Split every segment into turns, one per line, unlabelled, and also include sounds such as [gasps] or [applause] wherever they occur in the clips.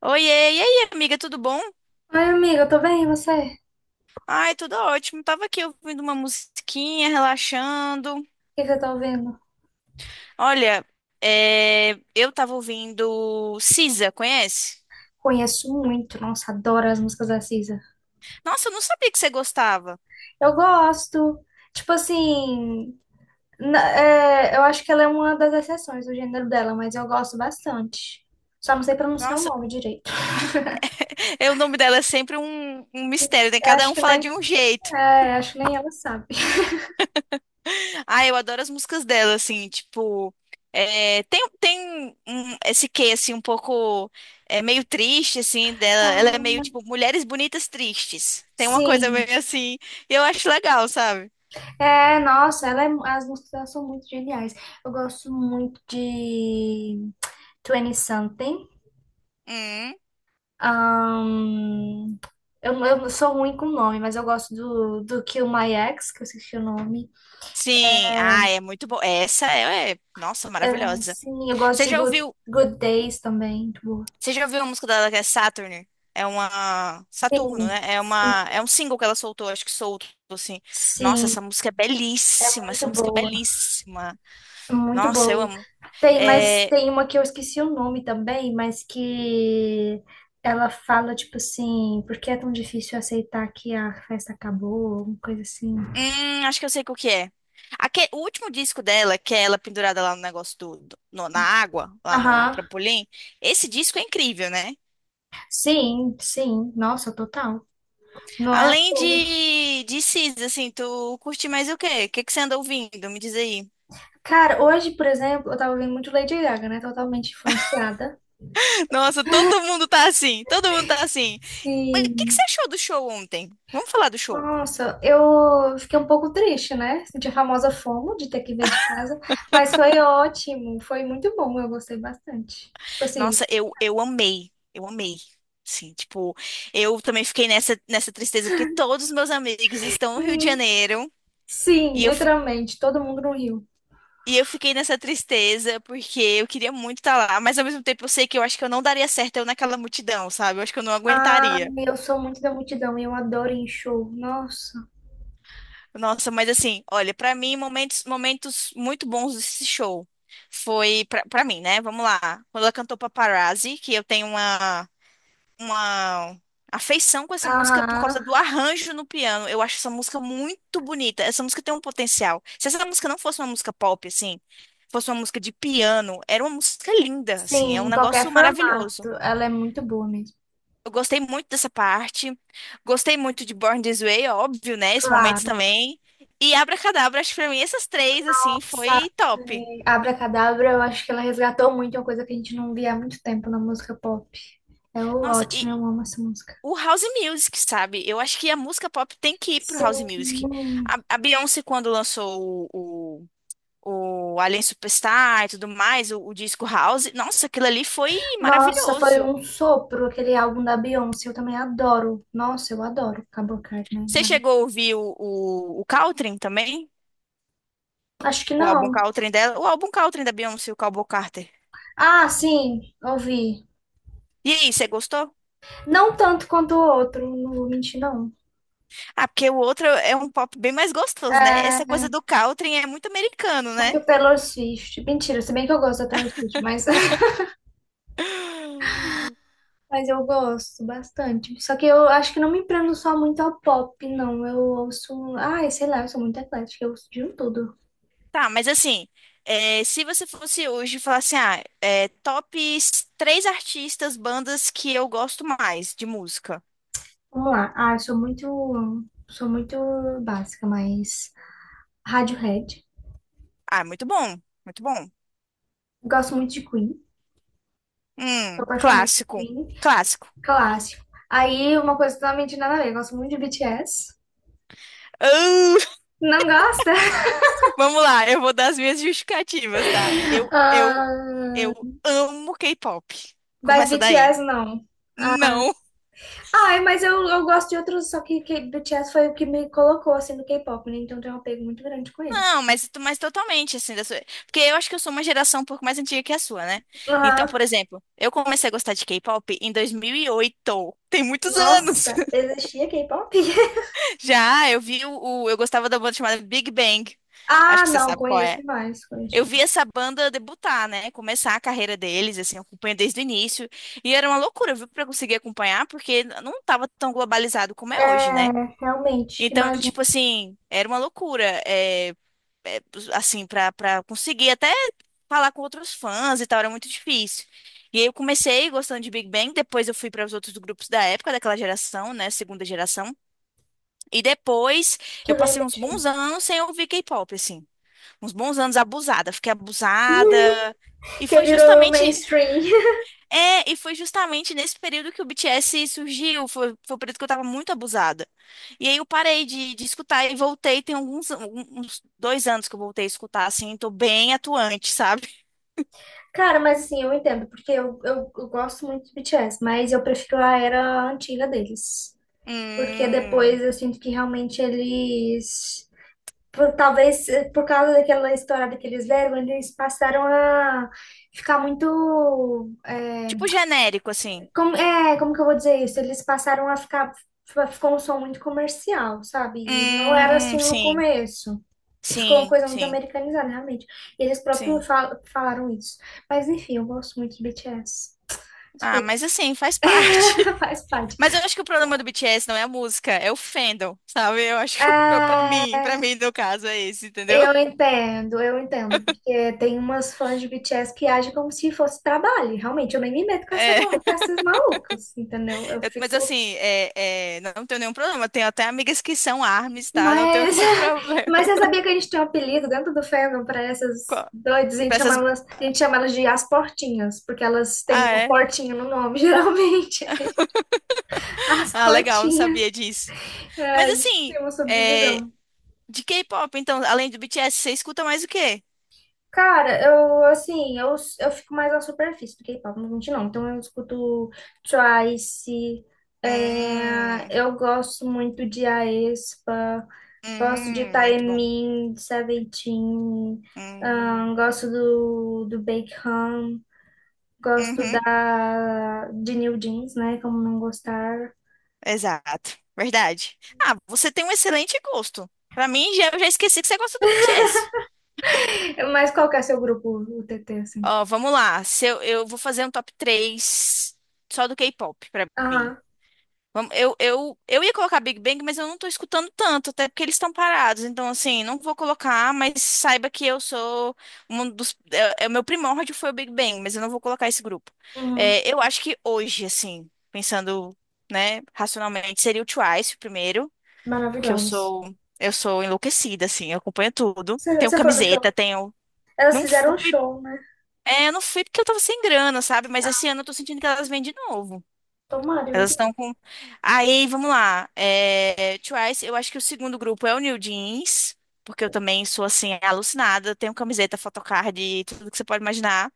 Oiê, e aí, amiga, tudo bom?
Ai, amiga, eu tô bem, e você? O
Ai, tudo ótimo. Tava aqui ouvindo uma musiquinha, relaxando.
que que você tá ouvindo?
Olha, eu tava ouvindo Cisa, conhece?
Conheço muito, nossa, adoro as músicas da Cisa.
Nossa, eu não sabia que você gostava.
Eu gosto, tipo assim, eu acho que ela é uma das exceções do gênero dela, mas eu gosto bastante. Só não sei pronunciar o
Nossa,
nome direito.
[laughs] o nome dela é sempre um mistério, né?
[laughs]
Cada
Acho
um
que
fala
nem,
de um jeito.
acho que nem ela sabe.
Ah, eu adoro as músicas dela, assim, tipo. Tem esse quê, assim, um pouco. É meio triste, assim, dela. Ela é meio,
Ah,
tipo, mulheres bonitas tristes. Tem uma coisa meio
sim.
assim. E eu acho legal, sabe?
É, nossa, as músicas dela são muito geniais. Eu gosto muito de Twenty Something.
Hum,
Ahn, eu sou ruim com nome, mas eu gosto do Kill My Ex, que eu esqueci o nome.
sim. Ah, é muito bom. Essa é, nossa,
É,
maravilhosa.
sim, eu gosto
Você
de
já
Good,
ouviu.
Good Days também, muito boa.
Você já ouviu a música dela que é Saturn? É uma. Saturno,
Sim,
né? É
sim,
uma. É um single que ela soltou, acho que solto, assim. Nossa, essa
sim,
música é belíssima.
muito
Essa música é
boa,
belíssima.
muito
Nossa, eu
boa.
amo.
Tem, mas
É,
tem uma que eu esqueci o nome também, mas que ela fala, tipo assim, por que é tão difícil aceitar que a festa acabou, alguma coisa assim.
acho que eu sei qual que é. O último disco dela, que é ela pendurada lá no negócio do, na água, lá no
Aham,
trampolim, esse disco é incrível, né?
sim, sim, nossa, total. Não é à
Além
toa.
de Cis, assim, tu curte mais o quê? O que que você anda ouvindo? Me diz aí.
Cara, hoje, por exemplo, eu tava vendo muito Lady Gaga, né? Totalmente influenciada.
[laughs] Nossa, todo mundo tá assim, todo mundo tá assim. Mas o que que você
Sim.
achou do show ontem? Vamos falar do show.
Nossa, eu fiquei um pouco triste, né? Senti a famosa FOMO de ter que ver de casa, mas foi ótimo, foi muito bom, eu gostei bastante. Tipo assim.
Nossa, eu amei, eu amei. Sim, tipo, eu também fiquei nessa tristeza, porque todos os meus amigos estão no Rio de
Hum,
Janeiro.
sim,
E eu
literalmente, todo mundo no Rio.
E eu fiquei nessa tristeza, porque eu queria muito estar lá, mas ao mesmo tempo eu sei que eu acho que eu não daria certo eu naquela multidão, sabe? Eu acho que eu não
Ah,
aguentaria.
eu sou muito da multidão e eu adoro ir em show, nossa.
Nossa, mas assim, olha, pra mim, momentos muito bons desse show. Pra mim, né? Vamos lá. Quando ela cantou Paparazzi, que eu tenho uma. Uma afeição com essa música por
Aham,
causa do arranjo no piano. Eu acho essa música muito bonita. Essa música tem um potencial. Se essa música não fosse uma música pop, assim, fosse uma música de piano, era uma música linda, assim, é
sim,
um
em qualquer
negócio
formato,
maravilhoso.
ela é muito boa mesmo.
Eu gostei muito dessa parte. Gostei muito de Born This Way, óbvio, né? Esse momento
Claro.
também. E Abracadabra, acho que pra mim essas três, assim,
Sabe,
foi top.
Abracadabra, eu acho que ela resgatou muito uma coisa que a gente não via há muito tempo na música pop. É
Nossa, e
ótimo, eu amo essa música.
o house music, sabe? Eu acho que a música pop tem que ir pro house music.
Sim.
A Beyoncé, quando lançou o Alien Superstar e tudo mais, o disco house, nossa, aquilo ali foi
Nossa, foi
maravilhoso.
um sopro aquele álbum da Beyoncé, eu também adoro. Nossa, eu adoro Cabo Card, né?
Você
Maravilhoso.
chegou a ouvir o Caltrin também?
Acho que
O álbum
não.
Caltrin dela? O álbum Caltrin da Beyoncé, o Cowboy Carter.
Ah, sim, ouvi.
E aí, você gostou?
Não tanto quanto o outro, não vou mentir, não.
Ah, porque o outro é um pop bem mais gostoso, né? Essa
É,
coisa do Caltrin é muito americano, né?
muito Taylor Swift. Mentira, se bem que eu gosto da Taylor Swift, mas [laughs]
[gasps]
Mas eu gosto bastante. Só que eu acho que não me prendo só muito ao pop, não. Eu ouço. Ai, sei lá, eu sou muito eclética, eu ouço de um tudo.
Tá, mas assim, se você fosse hoje falar assim, ah, é, top três artistas, bandas que eu gosto mais de música.
Vamos lá. Ah, eu sou muito. Sou muito básica, mas. Radiohead.
Ah, muito bom, muito bom.
Gosto muito de Queen. Tô apaixonada por
Clássico,
Queen.
clássico.
Clássico. Aí, uma coisa totalmente nada a ver. Eu gosto muito de BTS.
Ah, [laughs]
Não gosta? [laughs]
vamos lá, eu vou dar as minhas justificativas, tá?
Ah,
Eu amo K-pop.
mas
Começa daí.
BTS não. Ah,
Não.
ai, mas eu gosto de outros, só que BTS foi o que me colocou assim no K-pop, né? Então tem um apego muito grande com eles.
Não, mas totalmente, assim, da sua... Porque eu acho que eu sou uma geração um pouco mais antiga que a sua, né? Então,
Aham.
por exemplo, eu comecei a gostar de K-pop em 2008, tem muitos anos.
Nossa, existia K-pop? [laughs]
[laughs] Já, eu vi Eu gostava da banda chamada Big Bang, acho
Ah,
que você
não,
sabe qual
conheço
é.
mais conheço
Eu
demais.
vi essa banda debutar, né? Começar a carreira deles, assim, eu acompanho desde o início. E era uma loucura, viu, pra conseguir acompanhar, porque não estava tão globalizado como é hoje, né?
É, realmente,
Então,
imagino
tipo assim, era uma loucura. É, assim, pra conseguir até falar com outros fãs e tal, era muito difícil. E aí eu comecei gostando de Big Bang, depois eu fui para os outros grupos da época, daquela geração, né, segunda geração. E depois
que
eu
vem
passei uns bons
BTS.
anos sem ouvir K-pop, assim. Uns bons anos abusada, fiquei
[laughs]
abusada. E
Que
foi
virou
justamente,
mainstream. [laughs]
e foi justamente nesse período que o BTS surgiu, foi o período que eu tava muito abusada. E aí eu parei de escutar e voltei, tem uns dois anos que eu voltei a escutar, assim, tô bem atuante, sabe?
Cara, mas assim, eu entendo, porque eu gosto muito de BTS, mas eu prefiro a era antiga deles. Porque depois
Hum.
eu sinto que realmente eles por causa daquela história daqueles velhos, eles passaram a ficar muito.
Tipo genérico, assim.
Como que eu vou dizer isso? Eles passaram a ficar. Ficou um som muito comercial, sabe? E não era assim no
Sim,
começo. Ficou uma
sim,
coisa muito
sim,
americanizada, realmente. Eles próprios
sim.
falaram isso. Mas enfim, eu gosto muito de BTS.
Ah,
Desculpa,
mas assim, faz parte.
[laughs] faz
[laughs]
parte.
Mas eu acho que o problema do BTS não é a música, é o fandom, sabe? Eu acho que o
Ah,
pra mim, no caso, é esse, entendeu?
eu
[laughs]
entendo, eu entendo, porque tem umas fãs de BTS que agem como se fosse trabalho. Realmente, eu nem me meto
É,
com essas malucas, entendeu? Eu
mas
fico.
assim, não tenho nenhum problema. Tenho até amigas que são ARMYs, tá? Não tenho
Mas,
[laughs] nenhum
[laughs]
problema
mas você sabia que a gente tem um apelido dentro do fandom para
com
essas doidas? A gente
pra
chama
essas...
elas, a gente chama elas de as portinhas, porque elas têm
Ah,
uma
é?
portinha no nome, [laughs] geralmente. As
Ah, legal, não
portinhas.
sabia disso.
É,
Mas
a gente
assim,
tem uma
é,
subdivisão.
de K-pop, então, além do BTS, você escuta mais o quê?
Cara, eu, assim, eu fico mais na superfície do K-pop, não vou mentir, não. Então, eu escuto Twice,
Hum...
eu gosto muito de aespa, gosto de
Muito bom.
Taemin, de Seventeen,
Hum,
gosto do Baekhyun, gosto
uhum,
da, de New Jeans, né? Como não gostar.
exato. Verdade. Ah, você tem um excelente gosto. Pra mim, já, eu já esqueci que você gosta do BTS.
Mas qual que é seu grupo, o T T, assim?
Ó, vamos lá. Se eu, Eu vou fazer um top 3 só do K-pop pra mim.
Aham,
Eu ia colocar Big Bang, mas eu não tô escutando tanto, até porque eles estão parados. Então, assim, não vou colocar, mas saiba que eu sou um dos. É o meu primórdio foi o Big Bang, mas eu não vou colocar esse grupo.
uhum.
É, eu acho que hoje, assim, pensando, né, racionalmente, seria o Twice o primeiro, que eu
Maravilhosos.
sou. Eu sou enlouquecida, assim, eu acompanho tudo.
Você
Tenho
você foi no
camiseta,
show?
tenho.
Elas
Não fui.
fizeram um show, né?
É, eu não fui porque eu tava sem grana, sabe? Mas esse ano eu tô sentindo que elas vêm de novo.
Tomara, eu
Elas estão
iria.
com. Aí, vamos lá. É, Twice, eu acho que o segundo grupo é o New Jeans, porque eu também sou assim, alucinada. Tenho camiseta, photocard, tudo que você pode imaginar.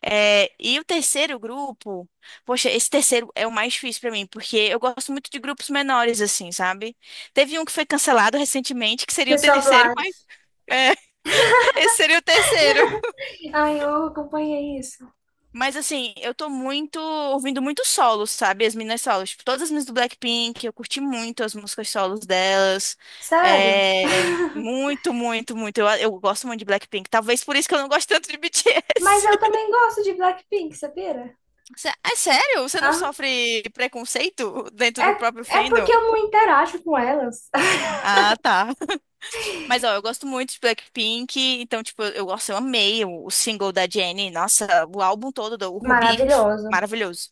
É, e o terceiro grupo, poxa, esse terceiro é o mais difícil pra mim, porque eu gosto muito de grupos menores, assim, sabe? Teve um que foi cancelado recentemente, que seria o
Kiss of
terceiro, mas
Life.
é, [laughs] esse seria o terceiro.
Ai, eu acompanhei isso.
Mas assim, eu tô muito ouvindo muito solos, sabe? As minhas solos. Tipo, todas as minhas do Blackpink, eu curti muito as músicas solos delas.
Sério?
É,
[laughs]
muito, muito, muito. Eu gosto muito de Blackpink. Talvez por isso que eu não gosto tanto de
Mas
BTS.
eu também gosto de Blackpink, sabia?
[laughs] É sério? Você não
Ah,
sofre preconceito dentro
é,
do próprio
é porque
fandom?
eu não interajo com elas. [laughs]
Ah, tá. Mas ó, eu gosto muito de Blackpink, então, tipo, eu gosto, eu amei o single da Jennie. Nossa, o álbum todo, o Ruby,
Maravilhoso.
maravilhoso.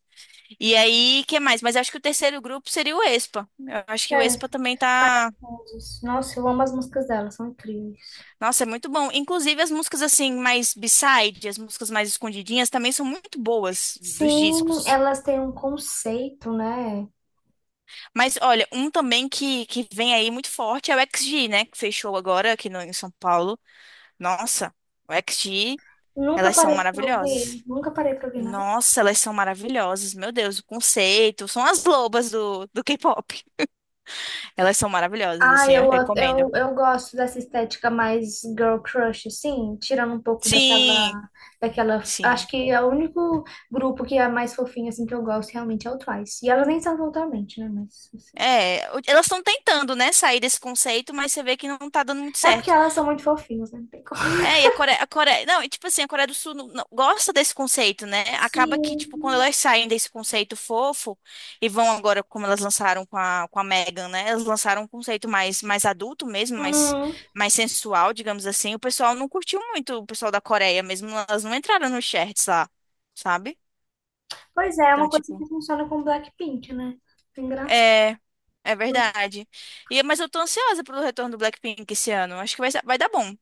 E aí, que mais? Mas acho que o terceiro grupo seria o Expa. Eu acho que o
É.
Expa também tá.
Maravilhosos. Nossa, eu amo as músicas delas, são incríveis.
Nossa, é muito bom. Inclusive, as músicas assim, mais B-side, as músicas mais escondidinhas, também são muito boas dos
Sim,
discos.
elas têm um conceito, né?
Mas olha, um também que vem aí muito forte é o XG, né? Que fechou agora aqui no, em São Paulo. Nossa, o XG,
Nunca
elas são
parei pra ouvir,
maravilhosas.
nunca parei pra ouvir nada.
Nossa, elas são maravilhosas. Meu Deus, o conceito. São as lobas do K-pop. Elas são maravilhosas,
Ah,
assim, eu
eu, eu,
recomendo.
eu gosto dessa estética mais girl crush, assim, tirando um pouco
Sim.
daquela, daquela. Acho
Sim.
que é o único grupo que é mais fofinho, assim, que eu gosto realmente é o Twice. E elas nem são totalmente, né? Mas, assim,
Elas estão tentando, né, sair desse conceito, mas você vê que não tá dando muito
é porque
certo.
elas são muito fofinhas, né? Não tem como.
É, e a Coreia, não, e tipo assim, a Coreia do Sul não gosta desse conceito, né?
[laughs]
Acaba
Sim.
que, tipo, quando elas saem desse conceito fofo e vão agora, como elas lançaram com com a Megan, né? Elas lançaram um conceito mais adulto mesmo,
Uhum.
mais sensual, digamos assim. O pessoal não curtiu muito, o pessoal da Coreia mesmo, elas não entraram nos shirts lá, sabe?
Pois é, é
Então,
uma coisa que
tipo.
funciona com Blackpink, né? Engraçado.
É, é verdade. E, mas eu tô ansiosa pelo retorno do Blackpink esse ano. Acho que vai dar bom.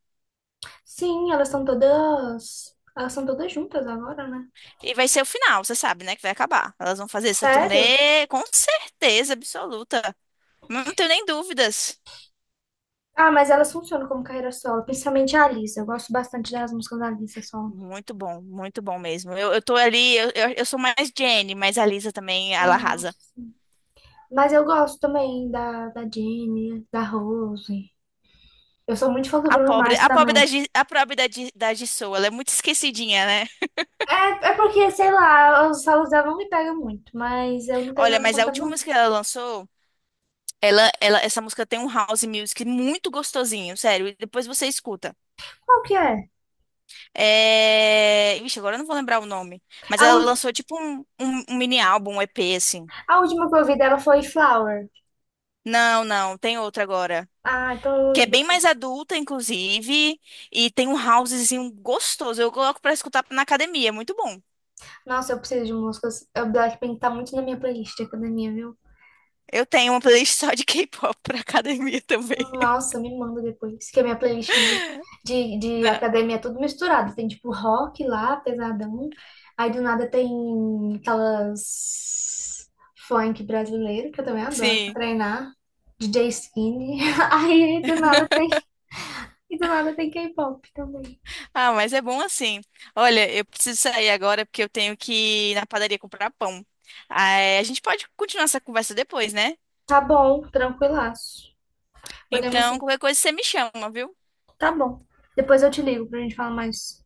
Sim, elas são todas. Elas são todas juntas agora, né?
E vai ser o final, você sabe, né? Que vai acabar. Elas vão fazer essa
Sério?
turnê com certeza absoluta. Não tenho nem dúvidas.
Ah, mas elas funcionam como carreira solo, principalmente a Lisa. Eu gosto bastante das músicas da Lisa solo.
Muito bom mesmo. Eu tô ali, eu sou mais Jennie, mas a Lisa também, ela
Amo,
arrasa.
nossa, sim. Mas eu gosto também da Jenny, da Rose. Eu sou muito fã do Bruno Mars também.
A pobre da Jisoo, ela é muito esquecidinha, né?
É, é porque, sei lá, os solos dela não me pegam muito, mas eu não tenho
Olha,
nada
mas a
contra.
última
Não.
música que ela lançou, essa música tem um house music muito gostosinho, sério. E depois você escuta.
Qual que é?
É... Vixe, agora eu não vou lembrar o nome. Mas
A,
ela
ú-
lançou tipo um mini álbum, um EP, assim.
a última que eu ouvi dela foi Flower.
Não, não, tem outra agora.
Ah, então eu
Que é
ouvi
bem mais
depois.
adulta, inclusive. E tem um housezinho gostoso. Eu coloco pra escutar na academia, é muito bom.
Nossa, eu preciso de músicas. O Blackpink tá muito na minha playlist de academia, viu?
Eu tenho uma playlist só de K-pop pra academia também.
Nossa, me manda depois. Que a minha playlist de, de,
[laughs]
de
Na-
academia é tudo misturado. Tem tipo rock lá, pesadão. Aí do nada tem aquelas funk brasileiro, que eu também adoro pra
Sim.
treinar. DJ Skinny. [laughs] Aí do nada tem, e do nada tem K-pop também.
Ah, mas é bom assim. Olha, eu preciso sair agora porque eu tenho que ir na padaria comprar pão. Ah, é, a gente pode continuar essa conversa depois, né?
Tá bom, tranquilaço. Podemos
Então,
sim.
qualquer coisa você me chama, viu?
Tá bom. Depois eu te ligo pra gente falar mais.